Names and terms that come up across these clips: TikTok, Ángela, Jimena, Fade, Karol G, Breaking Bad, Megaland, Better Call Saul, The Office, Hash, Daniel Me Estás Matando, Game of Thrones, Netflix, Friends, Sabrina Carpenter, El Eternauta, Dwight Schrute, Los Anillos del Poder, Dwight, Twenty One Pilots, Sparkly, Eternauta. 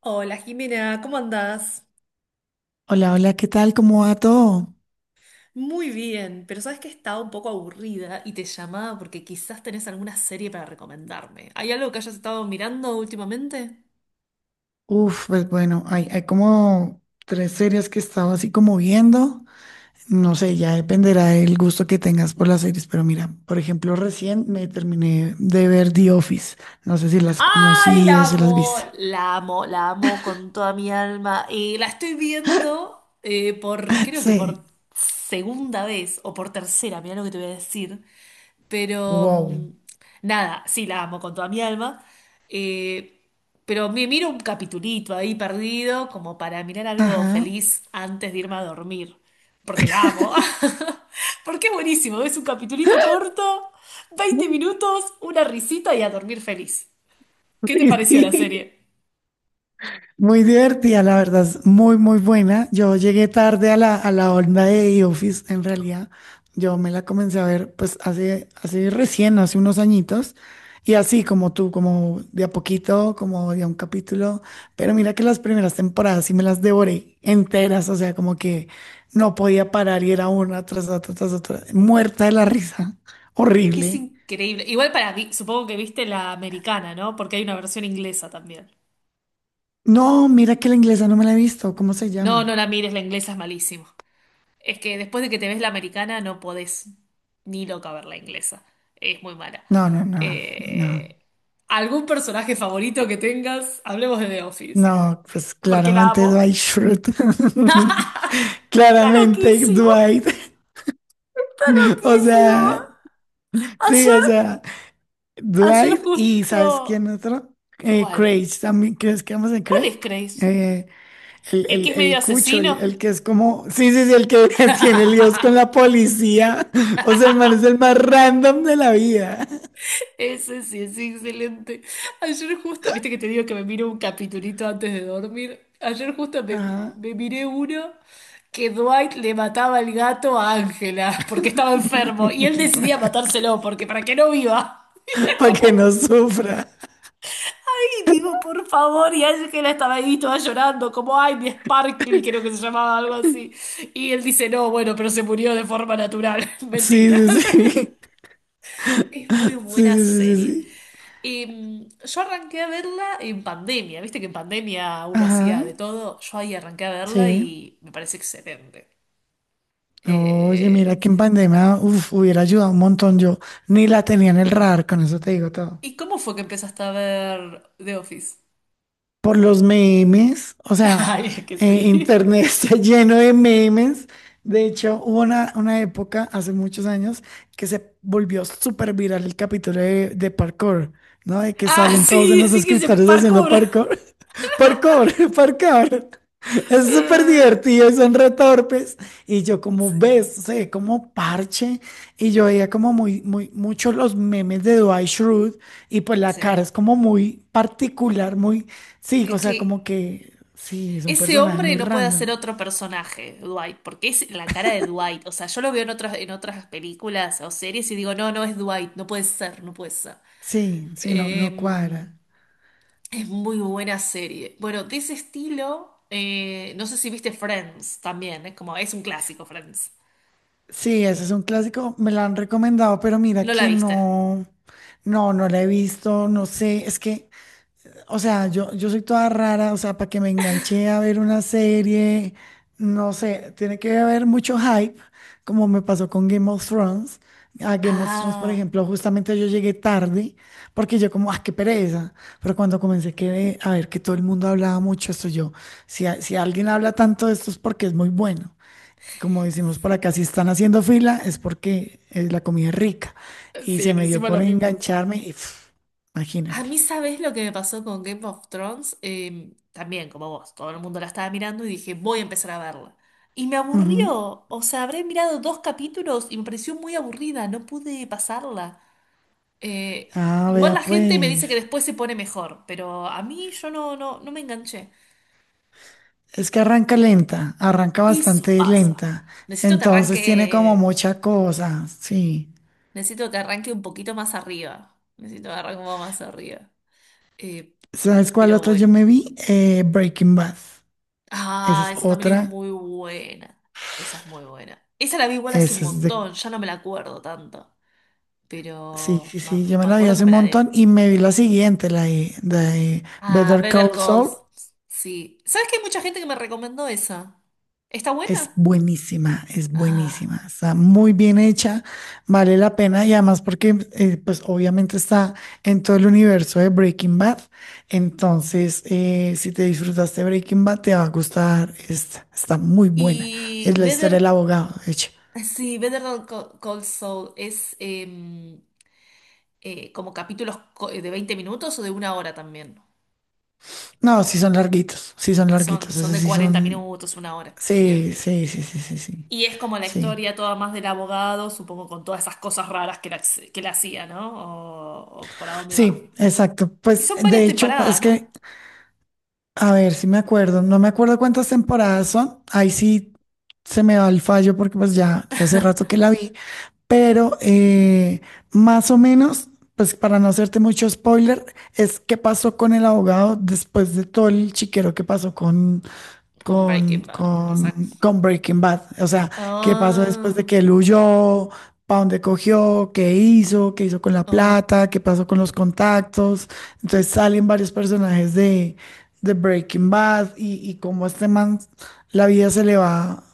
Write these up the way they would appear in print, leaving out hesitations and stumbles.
Hola Jimena, ¿cómo andás? Hola, hola, ¿qué tal? ¿Cómo va todo? Muy bien, pero sabes que estaba un poco aburrida y te llamaba porque quizás tenés alguna serie para recomendarme. ¿Hay algo que hayas estado mirando últimamente? Uf, pues bueno, hay como tres series que he estado así como viendo. No sé, ya dependerá del gusto que tengas por las series, pero mira, por ejemplo, recién me terminé de ver The Office. No sé si las has ¡Ay, conocido, la si las has amo! visto. La amo, la amo con toda mi alma. La estoy viendo creo que por Sí. segunda vez o por tercera, mira lo que te voy a decir. Pero Wow. nada, sí, la amo con toda mi alma. Eh, pero me miro un capitulito ahí perdido como para mirar algo Ajá. feliz antes de irme a dormir. Porque la amo. Porque es buenísimo. Es un capitulito corto, 20 minutos, una risita y a dormir feliz. ¿Qué te Sí, pareció la sí. serie? Muy divertida, la verdad, es muy, muy buena. Yo llegué tarde a la onda de The Office, en realidad. Yo me la comencé a ver, pues, hace recién, hace unos añitos. Y así como tú, como de a poquito, como de a un capítulo. Pero mira que las primeras temporadas sí me las devoré enteras, o sea, como que no podía parar y era una tras otra, muerta de la risa. Es que es Horrible. increíble. Igual para mí, supongo que viste la americana, ¿no? Porque hay una versión inglesa también. No, mira que la inglesa no me la he visto. ¿Cómo se No, llama? no la mires, la inglesa es malísimo. Es que después de que te ves la americana no podés ni loca ver la inglesa. Es muy mala. No, no, no, no. Eh, ¿Algún personaje favorito que tengas? Hablemos de The Office. No, pues Porque la claramente amo. Dwight Schrute. Está Claramente loquísimo. Dwight. Está O loquísimo. sea, sí, o Ayer, sea, ayer Dwight y ¿sabes quién justo... otro? ¿Cuál? Craig, también, ¿crees que vamos en ¿Cuál Craig? es Grace? Eh, el, ¿El el, que es medio el cucho, el, asesino? el que es como, sí, sí, sí, el que tiene líos con la policía. O sea, el man es el más random de la vida. Ese sí es excelente. Ayer justo, viste que te digo que me miro un capitulito antes de dormir. Ayer justo me, Ajá. me miré uno que Dwight le mataba el gato a Ángela porque estaba enfermo y él decidía matárselo porque para que no viva. Para que Como, no sufra. ay, digo, por favor, y Ángela estaba ahí toda llorando, como, ay, mi Sparkly, creo que se llamaba algo así. Y él dice, no, bueno, pero se murió de forma natural. Mentira. Sí, sí, sí. Es muy Sí, buena sí, sí, serie. sí, sí. Yo arranqué a verla en pandemia, viste que en pandemia uno hacía Ajá, de todo, yo ahí arranqué a verla sí. y me parece excelente. Oye, Eh, mira que en pandemia, uf, hubiera ayudado un montón. Yo ni la tenía en el radar, con eso te digo todo. ¿Y cómo fue que empezaste a ver The Office? Por los memes, o sea, Ay, es que sí. internet está lleno de memes. De hecho, hubo una época, hace muchos años, que se volvió súper viral el capítulo de parkour, ¿no? De que Ah, salen todos en sí, los sí que hice escritorios haciendo parkour. parkour. Parkour, parkour. Es súper Eh, divertido y son retorpes. Y yo como sí. ves, se ve como parche. Y yo veía como muy, muy, muchos los memes de Dwight Schrute. Y pues la Sí. cara es como muy particular, muy, sí, Es o sea, como que que, sí, es un ese personaje hombre muy no puede hacer random. otro personaje, Dwight, porque es la cara de Dwight. O sea, yo lo veo en otras, películas o series y digo, no, no es Dwight, no puede ser, no puede ser. Sí, sí, no, no Eh, cuadra. es muy buena serie. Bueno, de ese estilo, no sé si viste Friends también, es como, es un clásico Friends. Sí, ese es un clásico, me lo han recomendado, pero mira ¿No la que viste? no, no, no la he visto, no sé, es que. O sea, yo soy toda rara, o sea, para que me enganché a ver una serie, no sé, tiene que haber mucho hype, como me pasó con Game of Thrones. A Game of Thrones, por Ah, ejemplo, justamente yo llegué tarde, porque yo como, ah, qué pereza. Pero cuando comencé que, a ver que todo el mundo hablaba mucho, esto yo, si, si alguien habla tanto de esto es porque es muy bueno. Como decimos por acá, si están haciendo fila es porque la comida es rica. Y sí, se me dio encima lo por mismo. engancharme y pf, A mí, imagínate. ¿sabes lo que me pasó con Game of Thrones? También, como vos, todo el mundo la estaba mirando y dije, voy a empezar a verla. Y me aburrió, o sea, habré mirado dos capítulos y me pareció muy aburrida, no pude pasarla. Ah, Igual vea la gente me pues. dice que después se pone mejor, pero a mí yo no, no, no me enganché. Es que arranca lenta, arranca Eso bastante pasa. lenta. Necesito que Entonces tiene como arranque, mucha cosa, sí. necesito que arranque un poquito más arriba. Necesito que arranque un poco más arriba. Eh, ¿Sabes cuál pero otra yo bueno. me vi? Breaking Bad. Esa Ah, es esa también es otra. muy buena. Esa es muy buena. Esa la vi igual hace un Esa es de. montón, ya no me la acuerdo tanto. Sí, sí, Pero me sí, yo me me la vi acuerdo que hace un me la montón debe. y me vi la siguiente, la de Ah, Better Better Call Saul. Calls. Sí. ¿Sabes que hay mucha gente que me recomendó esa? ¿Está buena? Es Ah. buenísima, está muy bien hecha, vale la pena y además porque pues obviamente está en todo el universo de Breaking Bad, entonces si te disfrutaste Breaking Bad te va a gustar esta, está muy buena, Y es la historia del Better. abogado, de hecho. Sí, Better Call Saul es como capítulos de 20 minutos o de una hora también. No, sí son larguitos, Son esos de sí 40 son, minutos, una hora. sí, Bien. sí, sí, sí, sí, sí, Y es como la sí. historia toda más del abogado, supongo con todas esas cosas raras que la, hacía, ¿no? O por a dónde va. Sí, exacto. Y Pues son varias de hecho, pues, temporadas, es ¿no? que. A ver si me acuerdo. No me acuerdo cuántas temporadas son. Ahí sí se me va el fallo porque pues ya hace rato que la vi. Pero más o menos, pues para no hacerte mucho spoiler, es qué pasó con el abogado después de todo el chiquero que pasó con, Con con, Breaking Bad, o sea. con, con Breaking Bad. O sea, qué pasó después de Ah, que él huyó, para dónde cogió, qué hizo con la o- plata, qué pasó con los contactos. Entonces salen varios personajes de Breaking Bad y cómo a este man la vida se le va,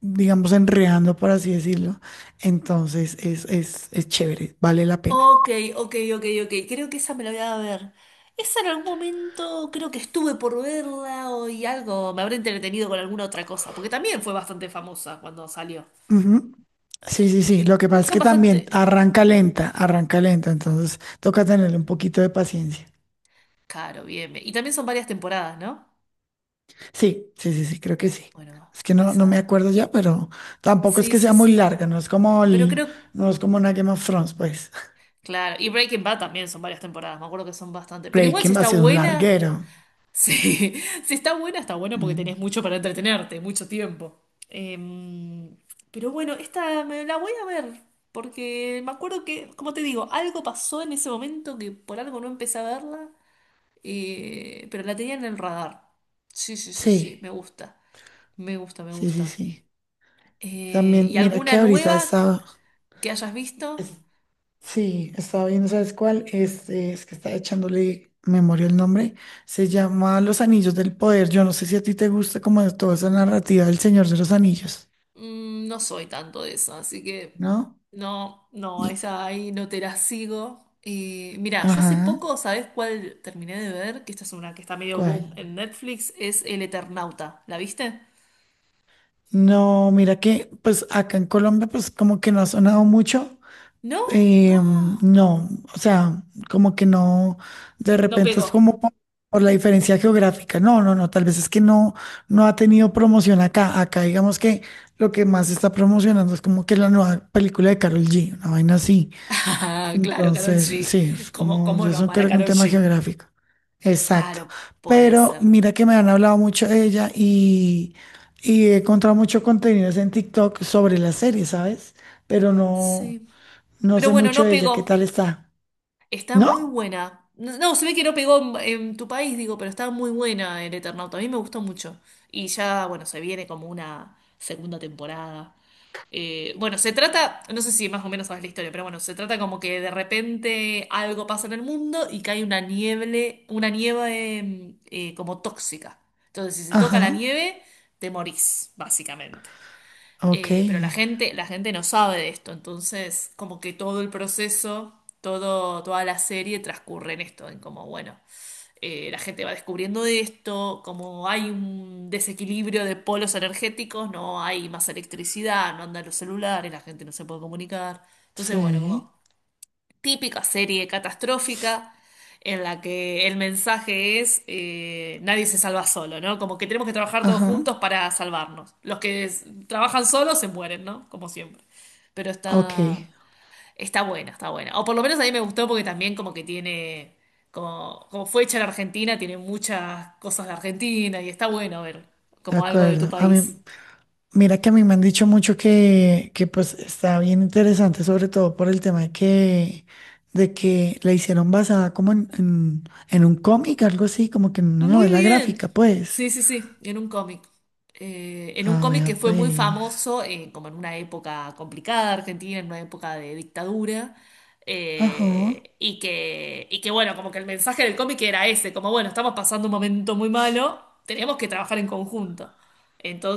digamos, enredando, por así decirlo. Entonces es chévere, vale la pena. ok, ok, ok, ok. Creo que esa me la voy a ver. Esa en algún momento creo que estuve por verla o y algo, me habré entretenido con alguna otra cosa, porque también fue bastante famosa cuando salió. Ujú. Sí, sí, sí. Y, Lo que pasa y es son que también bastante... arranca lenta, entonces toca tenerle un poquito de paciencia. Claro, bien, bien. Y también son varias temporadas, ¿no? Sí, sí, sí, sí, creo que sí. Bueno, Es que no, no me esa... acuerdo ya, pero tampoco es Sí, que sí, sea muy sí. larga, Pero creo, no es como una Game of Thrones, pues. claro, y Breaking Bad también son varias temporadas, me acuerdo que son bastante. Pero igual si Breaking va está a ser un buena, larguero. sí, si está buena, está buena porque Mm. tenés mucho para entretenerte, mucho tiempo. Em, pero bueno, esta me la voy a ver, porque me acuerdo que, como te digo, algo pasó en ese momento que por algo no empecé a verla, pero la tenía en el radar. Sí, sí, sí, sí, Sí, me gusta, me gusta, me sí, sí, gusta. sí. También, ¿Y mira alguna que ahorita nueva estaba, que hayas es- visto? sí, estaba viendo, ¿sabes cuál? Este, es que estaba echándole memoria el nombre. Se llama Los Anillos del Poder. Yo no sé si a ti te gusta como toda esa narrativa del Señor de los Anillos, No soy tanto de eso, así que ¿no? no, no, Yo- esa ahí no te la sigo. Y mira, yo hace Ajá, poco, ¿sabes cuál terminé de ver? Que esta es una que está medio boom ¿cuál? en Netflix, es El Eternauta. ¿La viste? No, mira que pues acá en Colombia pues como que no ha sonado mucho. ¿No? eh, Ah, no, o sea, como que no, de no repente es pegó. como por, la diferencia geográfica. No, no, no, tal vez es que no, no ha tenido promoción acá. Acá digamos que lo que más se está promocionando es como que la nueva película de Karol G, una vaina así. Ah, claro, Karol Entonces, G. sí, es ¿Cómo, como cómo yo no eso amar a creo que un Karol tema G? geográfico. Exacto. Claro, puede Pero ser. mira que me han hablado mucho de ella y he encontrado mucho contenidos en TikTok sobre la serie, ¿sabes? Pero no, Sí. no Pero sé bueno, mucho no de ella. ¿Qué tal pegó. está? Está muy ¿No? buena. No, no, se ve que no pegó en, tu país, digo, pero está muy buena el Eternauta. A mí me gustó mucho. Y ya, bueno, se viene como una segunda temporada. Bueno, se trata, no sé si más o menos sabes la historia, pero bueno, se trata como que de repente algo pasa en el mundo y cae una nieve como tóxica. Entonces, si se toca Ajá. la nieve, te morís, básicamente. Ok. Pero la gente no sabe de esto, entonces como que todo el proceso, toda la serie transcurre en esto, en como, bueno, la gente va descubriendo de esto, como hay un desequilibrio de polos energéticos, no hay más electricidad, no andan los celulares, la gente no se puede comunicar. Entonces, bueno, Sí. como típica serie catastrófica en la que el mensaje es nadie se salva solo, ¿no? Como que tenemos que trabajar todos Ajá. juntos para salvarnos. Los que trabajan solos se mueren, ¿no? Como siempre. Pero Ok. Está buena, está buena. O por lo menos a mí me gustó porque también como que tiene, como fue hecha en Argentina, tiene muchas cosas de Argentina y está bueno ver De como algo de tu acuerdo. A mí. país. Mira que a mí me han dicho mucho que pues está bien interesante, sobre todo por el tema de que la hicieron basada como en un cómic, algo así, como que en una Muy novela bien. gráfica, pues. Sí, sí, sí, en un cómic. En un Ah, cómic vea, que fue muy pues. famoso, como en una época complicada de Argentina, en una época de dictadura, Ajá, y que bueno, como que el mensaje del cómic era ese, como bueno, estamos pasando un momento muy malo, tenemos que trabajar en conjunto.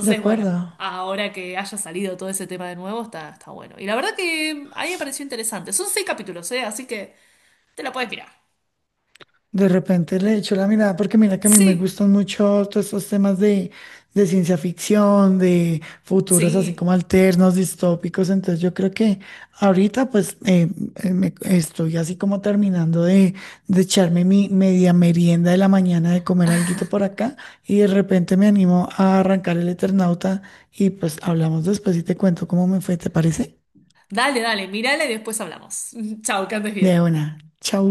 de bueno, acuerdo. ahora que haya salido todo ese tema de nuevo, está, está bueno. Y la verdad que ahí me pareció interesante. Son seis capítulos, ¿eh? Así que te la puedes mirar. De repente le echo la mirada porque mira que a mí me Sí, gustan mucho todos estos temas de ciencia ficción, de futuros así sí. como alternos, distópicos. Entonces yo creo que ahorita pues estoy así como terminando de echarme mi media merienda de la mañana, de comer alguito por acá y de repente me animo a arrancar el Eternauta y pues hablamos después y te cuento cómo me fue, ¿te parece? Dale, dale, mírala y después hablamos. Chao, que andes De bien. una, chau.